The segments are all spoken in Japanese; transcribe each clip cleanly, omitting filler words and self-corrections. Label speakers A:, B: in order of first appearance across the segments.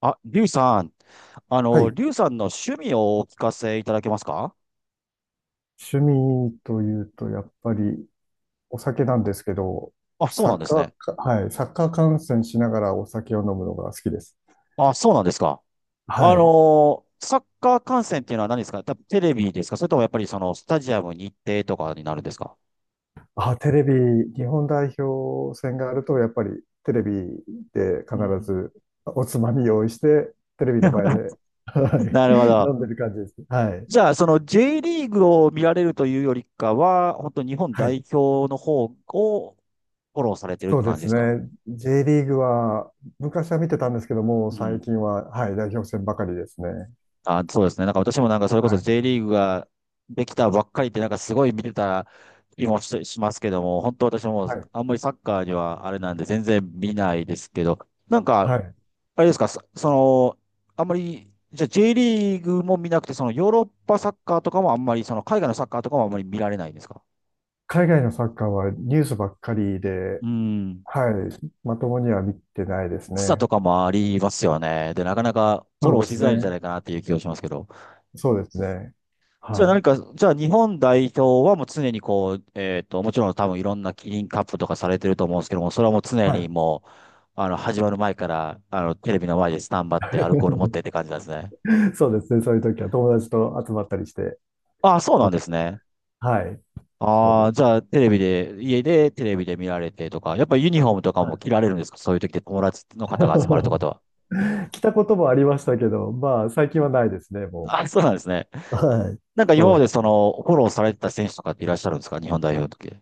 A: あ、リュウさん、
B: はい。
A: リュウさんの趣味をお聞かせいただけますか？
B: 趣味というと、やっぱりお酒なんですけど、
A: あ、そう
B: サ
A: なん
B: ッ
A: です
B: カー
A: ね。
B: か、はい。サッカー観戦しながらお酒を飲むのが好きです。
A: あ、そうなんですか。
B: はい。
A: サッカー観戦っていうのは何ですか？多分テレビですか？それともやっぱりそのスタジアムに行ってとかになるんですか？
B: あ、テレビ、日本代表戦があると、やっぱりテレビで
A: う
B: 必
A: ん
B: ずおつまみ用意して、テレビの前 で、は
A: な
B: い。
A: るほ
B: 飲
A: ど。
B: んでる感じです。はい。
A: じゃあ、その J リーグを見られるというよりかは、本当日本
B: はい。
A: 代表の方をフォローされてるっ
B: そ
A: て
B: うで
A: 感じで
B: す
A: すか？
B: ね。J リーグは、昔は見てたんですけども、
A: う
B: 最
A: ん。
B: 近は、はい、代表戦ばかりですね。
A: あ、そうですね。なんか私もなんかそれこそ
B: はい。
A: J リーグができたばっかりってなんかすごい見てた気もしますけども、本当私
B: は
A: も
B: い。
A: あんまりサッカーにはあれなんで全然見ないですけど、なんか、
B: はい。
A: あれですか、その、あんまり、じゃあ J リーグも見なくて、そのヨーロッパサッカーとかもあんまり、その海外のサッカーとかもあんまり見られないんですか？
B: 海外のサッカーはニュースばっかりで、
A: うん。
B: はい、まともには見てないです
A: 時差
B: ね。
A: とかもありますよね。で、なかなかフォ
B: そ
A: ロ
B: う
A: ー
B: で
A: し
B: す
A: づらいんじゃ
B: ね。
A: ないかなっていう気がしますけど。
B: そうですね。
A: じゃあ何
B: は
A: か、じゃあ日本代表はもう常にこう、もちろん多分いろんなキリンカップとかされてると思うんですけども、それはもう常
B: い。は
A: に
B: い。
A: もう、始まる前から、テレビの前でスタンバってアルコール持ってって感じなんですね。
B: そうですね。そういう時は友達と集まったりして。
A: ああ、そうなんですね。
B: はい。そう
A: あ
B: で
A: あ、
B: す。
A: じゃあテレビで、家でテレビで見られてとか、やっぱりユニフォームとか
B: は
A: も
B: い。
A: 着られるんですか？そういう時で友達の方が集まるとかとは。
B: 来たこともありましたけど、まあ、最近はないですね、も
A: ああ、そうなんですね。
B: う。はい。
A: なんか今ま
B: そ
A: でそ
B: う。
A: の、フォローされてた選手とかっていらっしゃるんですか？日本代表の時。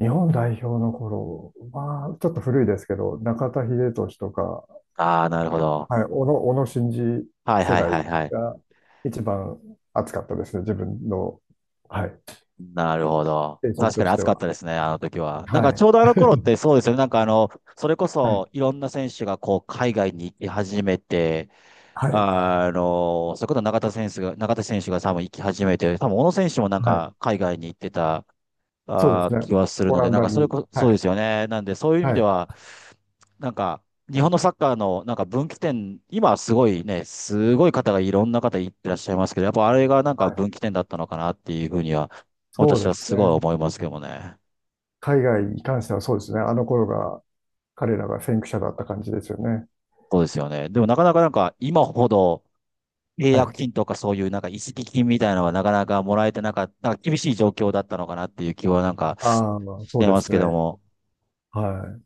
B: 日本代表の頃まあちょっと古いですけど、中田英寿とか、
A: ああ、なるほど。
B: はい、小野、小野伸二
A: はい
B: 世
A: はい
B: 代
A: はいはい。
B: が一番熱かったですね、自分の、はい、
A: なるほど。
B: 青春
A: 確か
B: と
A: に
B: して
A: 暑かった
B: は。
A: ですね、あの時は。なん
B: は
A: か
B: い。
A: ちょうどあの頃って そうですよね。なんかそれこ
B: はい。
A: そいろんな選手がこう海外に行き始めて、
B: はい。
A: それこそ中田選手が多分行き始めて、多分小野選手もなん
B: はい。
A: か海外に行ってた
B: そうですね。
A: 気はする
B: オ
A: の
B: ラ
A: で、
B: ン
A: なん
B: ダ
A: かそれ
B: に。
A: こ、
B: は
A: そうで
B: い。
A: すよね。なんで、そういう意味
B: は
A: で
B: い。
A: は、なんか、日本のサッカーのなんか分岐点、今はすごいね、すごい方がいろんな方いってらっしゃいますけど、やっぱあれがなんか
B: はい。
A: 分岐点だったのかなっていうふうには、
B: そう
A: 私は
B: です
A: すごい
B: ね。
A: 思いますけどもね。
B: 海外に関してはそうですね。あの頃が、彼らが先駆者だった感じですよね。
A: そうですよね。でもなかなかなんか今ほど契
B: は
A: 約
B: い。
A: 金とかそういうなんか移籍金みたいなのはなかなかもらえてなかった、なんか厳しい状況だったのかなっていう気はなんか
B: ああ、
A: し
B: そう
A: て
B: で
A: ます
B: す
A: けど
B: ね。
A: も。
B: はい。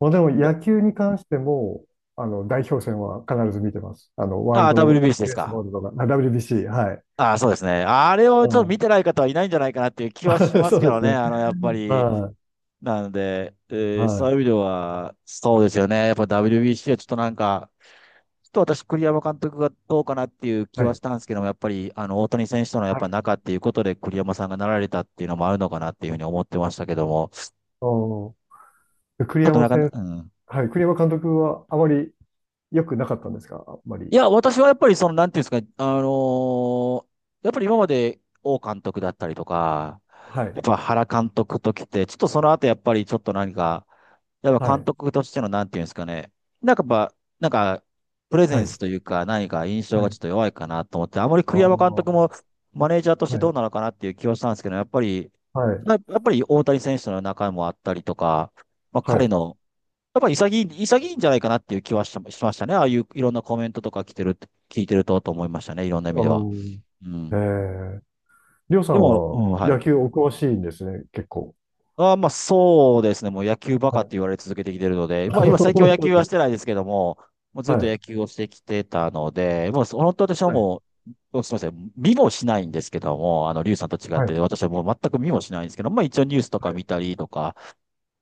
B: まあ、でも野球に関しても、あの、代表戦は必ず見てます。あの、ワー
A: あ
B: ル
A: あ、w
B: ド
A: b s です
B: ベースボ
A: か？
B: ールとか、あ WBC、はい。
A: ああ、そうですね。あれを
B: う
A: ちょっと見
B: ん
A: てない方はいないんじゃないかなっていう気はし ま
B: そ
A: すけ
B: うで
A: ど
B: す
A: ね。
B: ね。
A: やっぱり、
B: は
A: なので、
B: い。は
A: そういう意
B: い。
A: 味では、そうですよね。やっぱ WBC はちょっとなんか、ちょっと私、栗山監督がどうかなっていう気
B: は
A: はし
B: い。
A: たんですけども、やっぱり、大谷選手とのやっ
B: は
A: ぱ
B: い。
A: 仲っていうことで栗山さんがなられたっていうのもあるのかなっていうふうに思ってましたけども、ち
B: お栗
A: ょっと
B: 山
A: なんか、
B: 先
A: うん。
B: はい。栗山監督はあまり良くなかったんですかあんま
A: い
B: り。
A: や、私はやっぱりその、なんていうんですかね、ーやっぱり今まで王監督だったりとか、
B: は
A: やっ
B: い。
A: ぱ原監督ときて、ちょっとその後やっぱりちょっと何か、やっ
B: は
A: ぱ監
B: い。
A: 督としてのなんていうんですかね、なんかやっぱ、なんか、プレゼ
B: は
A: ン
B: い。
A: スというか何か印象
B: は
A: がち
B: い。
A: ょっと弱いかなと思って、あまり
B: ああ。
A: 栗山監督
B: は
A: もマネージャーとしてど
B: い。
A: うなのかなっていう気はしたんですけど、やっぱり、
B: はい。
A: やっぱり大谷選手の中もあったりとか、まあ
B: は
A: 彼
B: い。
A: のやっぱり潔い、潔いんじゃないかなっていう気はしましたね。ああいういろんなコメントとか来てる、聞いてると思いましたね。いろんな意
B: あ
A: 味では。
B: ー
A: う
B: え
A: ん。
B: ー、りょうさ
A: で
B: ん
A: も、う
B: は
A: ん、は
B: 野
A: い。
B: 球お詳しいんですね、結構。
A: まあそうですね。もう野球バ
B: は
A: カっ
B: い。
A: て言われ続けてきてるので、ま あ今最近は
B: 本
A: 野
B: 当
A: 球
B: で
A: はして
B: す
A: ないですけども、もう
B: か
A: ずっと
B: はい。
A: 野球をしてきてたので、もう本当私は
B: はい。
A: もう、すみません。見もしないんですけども、リュウさんと違っ
B: は
A: て、
B: い。
A: 私はもう全く見もしないんですけど、まあ一応ニュースと
B: は
A: か
B: い。
A: 見たりとか、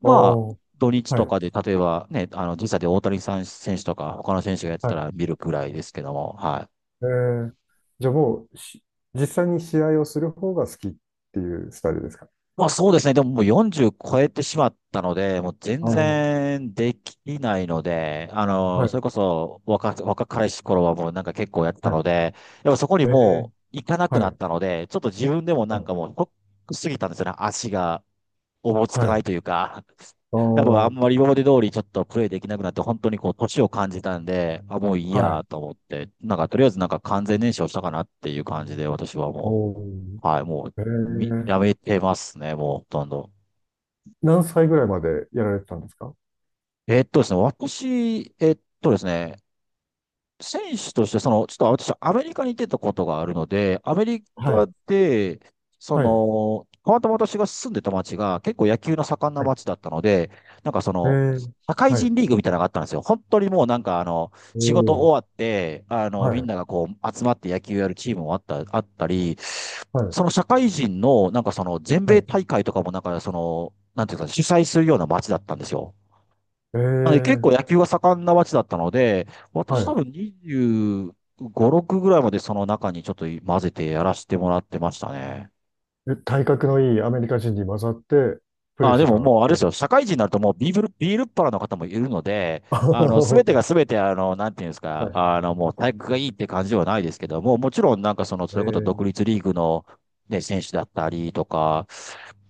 A: まあ、
B: おー。
A: 土日
B: は
A: と
B: い。
A: かで、例えばね、時差で大谷さん選手とか、他の選手がやって
B: は
A: た
B: い。
A: ら見るくらいですけども、はい。
B: えー、じゃあもうし、実際に試合をする方が好きっていうスタイルですか
A: まあそうですね、でももう40超えてしまったので、もう全
B: ああー。
A: 然できないので、
B: は
A: それ
B: い。
A: こそ若彼氏頃はもうなんか結構やってた
B: はい。
A: ので、やっぱそこに
B: ええ、
A: もう行かなく
B: は
A: なっ
B: い、
A: たので、ちょっと自分でもな
B: は
A: ん
B: い、
A: かもうショックすぎたんですよね、足が。おぼつか
B: は
A: ない
B: い。
A: というか、やっぱあん
B: あ
A: まり今まで通りちょっとプレイできなくなって、本当にこう、年を感じたんで、あ、もういい
B: は
A: や
B: い。
A: と思って、なんかとりあえずなんか完全燃焼したかなっていう感じで、私はも
B: おー、
A: う、はい、もう、
B: え
A: み
B: え、
A: やめてますね、もうほとんど。
B: 何歳ぐらいまでやられてたんですか
A: ですね、私、ですね、選手として、その、ちょっと私、アメリカに出たことがあるので、アメリ
B: は
A: カ
B: い、
A: で、そ
B: はい、
A: の、たまたま私が住んでた町が結構野球の盛んな
B: はい。
A: 町だったので、なんかそ
B: え
A: の、
B: え、
A: 社会
B: は
A: 人
B: い。
A: リーグみたいなのがあったんですよ。本当にもうなんか
B: お
A: 仕事
B: ー、
A: 終わって、
B: は
A: みん
B: い、
A: ながこう、集まって野球やるチームもあったり、
B: はい、
A: その社会人の、なんかその、全
B: は
A: 米
B: い。
A: 大会とかもなんかその、なんていうか、主催するような町だったんですよ。
B: え
A: なので結構
B: え、
A: 野球が盛んな街だったので、
B: は
A: 私多
B: い。
A: 分25、6ぐらいまでその中にちょっと混ぜてやらせてもらってましたね。
B: え体格のいいアメリカ人に混ざってプレ
A: あ、
B: イし
A: で
B: て
A: も
B: たって
A: もうあ
B: こ
A: れで
B: と
A: す
B: で
A: よ、
B: す
A: 社会人になるともうビールっ腹の方もいるので、
B: あ は
A: す
B: は
A: べて
B: は
A: がすべて、なんていうんです
B: は
A: か、
B: い。
A: もう体育がいいって感じではないですけども、もちろんなんかその、
B: え
A: それこそ
B: え、
A: 独立リーグの、ね、選手だったりとか、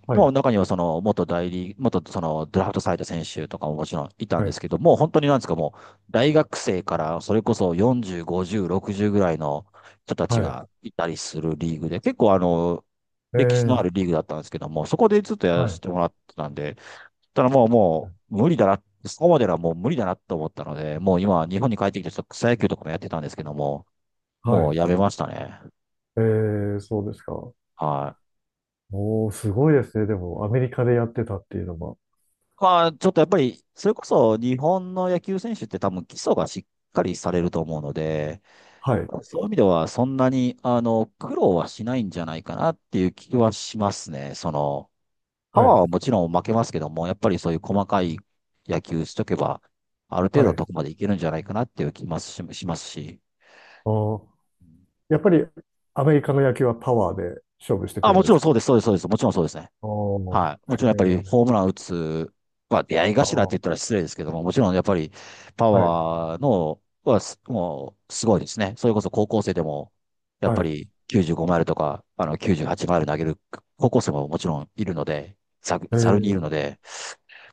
B: は
A: も
B: い、
A: う中にはその元代理、元そのドラフトされた選手とかももちろんいたん
B: は
A: で
B: い、
A: すけど、もう本当になんですか、もう大学生からそれこそ40、50、60ぐらいの人たち
B: はい。
A: がいたりするリーグで、結構
B: え
A: 歴史のあ
B: え、
A: るリーグだったんですけども、そこでずっとや
B: は
A: らせ
B: い、
A: てもらってたんで、ただもう無理だな、そこまではもう無理だなと思ったので、もう今日本に帰ってきてちょっと草野球とかもやってたんですけども、
B: は
A: もう
B: い。
A: やめましたね。
B: えー、そうですか。
A: はい。
B: すごいですね。でも、アメリカでやってたっていうのは。
A: まあ、ちょっとやっぱり、それこそ日本の野球選手って多分基礎がしっかりされると思うので、
B: はい。
A: そういう意味ではそんなに、苦労はしないんじゃないかなっていう気はしますね。その、パ
B: は
A: ワー
B: い。
A: はもちろん負けますけども、やっぱりそういう細かい野球しとけば、ある程度
B: は
A: の
B: い。
A: とこまでいけるんじゃないかなっていう気もしますし。
B: あーやっぱりアメリカの野球はパワーで勝負してく
A: あ、
B: るん
A: もち
B: で
A: ろ
B: す
A: んそ
B: か
A: うです、そうです、そうです。もちろんそうですね。
B: あー
A: はい。もちろんやっ
B: へ
A: ぱりホーム
B: え
A: ラン打つ、まあ出会い
B: あ
A: 頭って言
B: ー、
A: ったら失礼ですけども、もちろんやっぱりパ
B: はい。
A: ワーの、はす、もうすごいですね。それこそ高校生でも、やっ
B: は
A: ぱ
B: い。
A: り95マイルとか、あの98マイル投げる高校生ももちろんいるので、
B: え
A: ざるにいる
B: ー、
A: ので、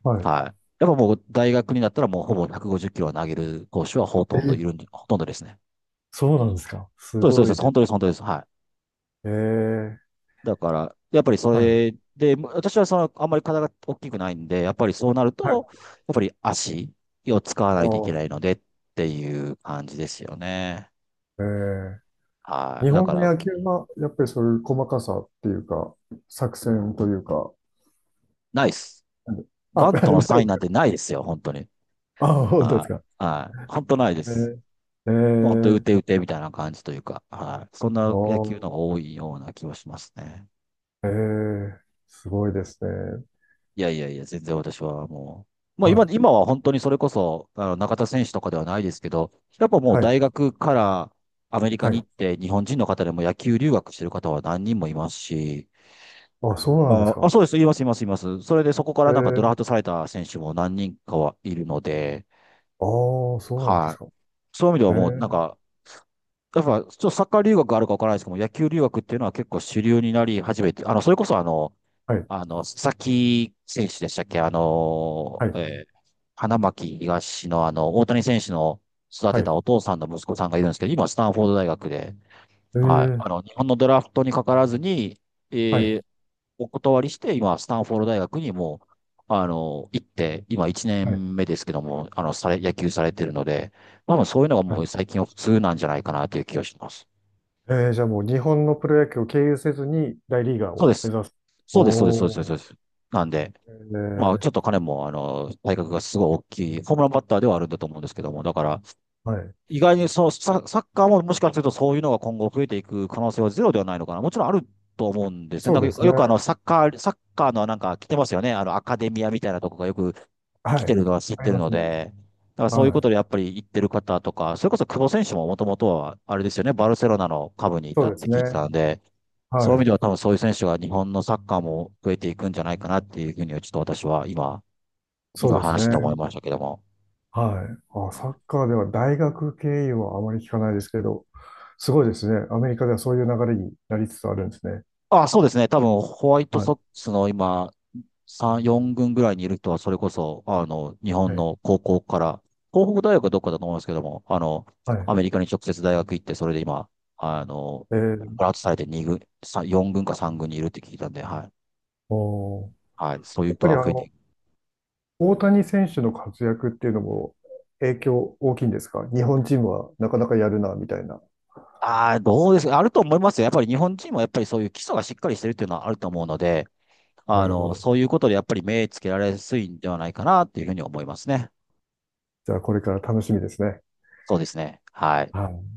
B: はい。
A: はい。やっぱもう大学になったらもうほぼ150キロは投げる投手はほ
B: え
A: とんどい
B: ー、
A: るんで、ほとんどですね。
B: そうなんですか。す
A: そうです、そう
B: ご
A: で
B: い
A: す。
B: で
A: 本
B: す。
A: 当です、本当です。はい。
B: えー、
A: だから、やっぱりそ
B: はい。
A: れで、ま私はその、あんまり体が大きくないんで、やっぱりそうなる
B: は
A: と、
B: い。
A: やっぱり足を使わ
B: あ
A: ないといけな
B: ー
A: いのでっていう感じですよね。
B: えー、
A: は
B: 日
A: い。だ
B: 本
A: か
B: の
A: ら、うん
B: 野球は、やっぱりそういう細かさっていうか、作戦というか、
A: ないです。
B: あ、
A: バ
B: な
A: ント
B: い
A: の
B: です
A: サインなん
B: か。
A: てないですよ、本当に。
B: あー、本当です
A: は
B: か。
A: い。はい。本当ないで
B: え
A: す。
B: ー、え
A: もう本当、打
B: ー、
A: て打てみたいな感じというか、はい。そん
B: あ
A: な野
B: ー、
A: 球の方が多いような気はしますね。
B: えー、すごいですね。
A: いやいやいや、全然私はもう、
B: はい。
A: 今は本当にそれこそ、中田選手とかではないですけど、やっぱもう
B: はい。
A: 大学からアメリカ
B: は
A: に
B: い。
A: 行って、日本人の方でも野球留学してる方は何人もいますし、
B: あ、そうなんですか。
A: そうです、います、います、います。それでそこか
B: え
A: らなんかドラ
B: ー、
A: フトされた選手も何人かはいるので、
B: ああ、そうなんです
A: はい。
B: か。
A: そういう意味で
B: え
A: はもう
B: ー、
A: なんか、やっぱ、ちょっとサッカー留学あるかわからないですけども、野球留学っていうのは結構主流になり始めて、あの、それこそあの、
B: はい、
A: あの、佐々木選手でしたっけあ
B: は
A: の、
B: い、
A: 花巻東のあの、大谷選手の育
B: は
A: てた
B: い。
A: お父さんの息子さんがいるんですけど、今、スタンフォード大学で、
B: え
A: はい、
B: ー、
A: あの、日本のドラフトにかからずに、
B: はい、
A: えーお断りして、今、スタンフォード大学にもう、あの、行って、今1
B: はい、
A: 年目ですけども、野球されてるので、多分そういうのが
B: は
A: もう
B: い。
A: 最近は普通なんじゃないかなという気がします。
B: じゃあもう日本のプロ野球を経由せずに大リーガー
A: そうで
B: を目
A: す。
B: 指す。
A: そうです、そうです、そうです、
B: お
A: そ
B: ー、
A: うです。そうですなんで、
B: え
A: まあ、
B: ー、
A: ちょっと彼も、あの、体格がすごい大きい、ホームランバッターではあるんだと思うんですけども、だから、
B: はい。
A: 意外にそうサ、サッカーももしかするとそういうのが今後増えていく可能性はゼロではないのかな。もちろんあると思うんですね。
B: そうですね。
A: よくあの、サッカーのなんか来てますよね。あの、アカデミアみたいなとこがよく来
B: は
A: て
B: い。
A: るのは知っ
B: あり
A: てる
B: ま
A: の
B: すね。
A: で、だからそういうこ
B: はい。
A: とでやっぱり言ってる方とか、それこそ久保選手ももともとは、あれですよね、バルセロナの下部にい
B: そ
A: た
B: う
A: っ
B: で
A: て
B: す
A: 聞いて
B: ね。
A: たんで、
B: は
A: そういう意味
B: い。
A: では多分そういう選手が日本のサッカーも増えていくんじゃないかなっていうふうにはちょっと私は今
B: そう
A: 今
B: です
A: 話して思い
B: ね。
A: ましたけども。
B: はい。あ、サッカーでは大学経由はあまり聞かないですけど、すごいですね。アメリカではそういう流れになりつつあるんですね。
A: あ、そうですね。多分、ホワイト
B: は
A: ソッ
B: い。
A: クスの今、3、4軍ぐらいにいる人は、それこそ、あの、日
B: は
A: 本
B: い。
A: の高校から、東北大学はどっかだと思いますけども、あの、
B: はい。
A: アメリカに直接大学行って、それで今、あの、
B: えー、
A: プラスされて2軍、さ4軍か3軍にいるって聞いたんで、はい。
B: おー
A: はい。そういう
B: やっ
A: 人
B: ぱり
A: は
B: あ
A: 増えてい
B: の、
A: く。
B: 大谷選手の活躍っていうのも影響大きいんですか日本チームはなかなかやるな、みたいな。
A: ああ、どうですかあると思いますよ。やっぱり日本人もやっぱりそういう基礎がしっかりしてるっていうのはあると思うので、
B: な
A: あ
B: るほ
A: の、
B: ど。
A: そういうことでやっぱり目つけられやすいんではないかなっていうふうに思いますね。
B: じゃあこれから楽しみですね。
A: そうですね。はい。
B: はい。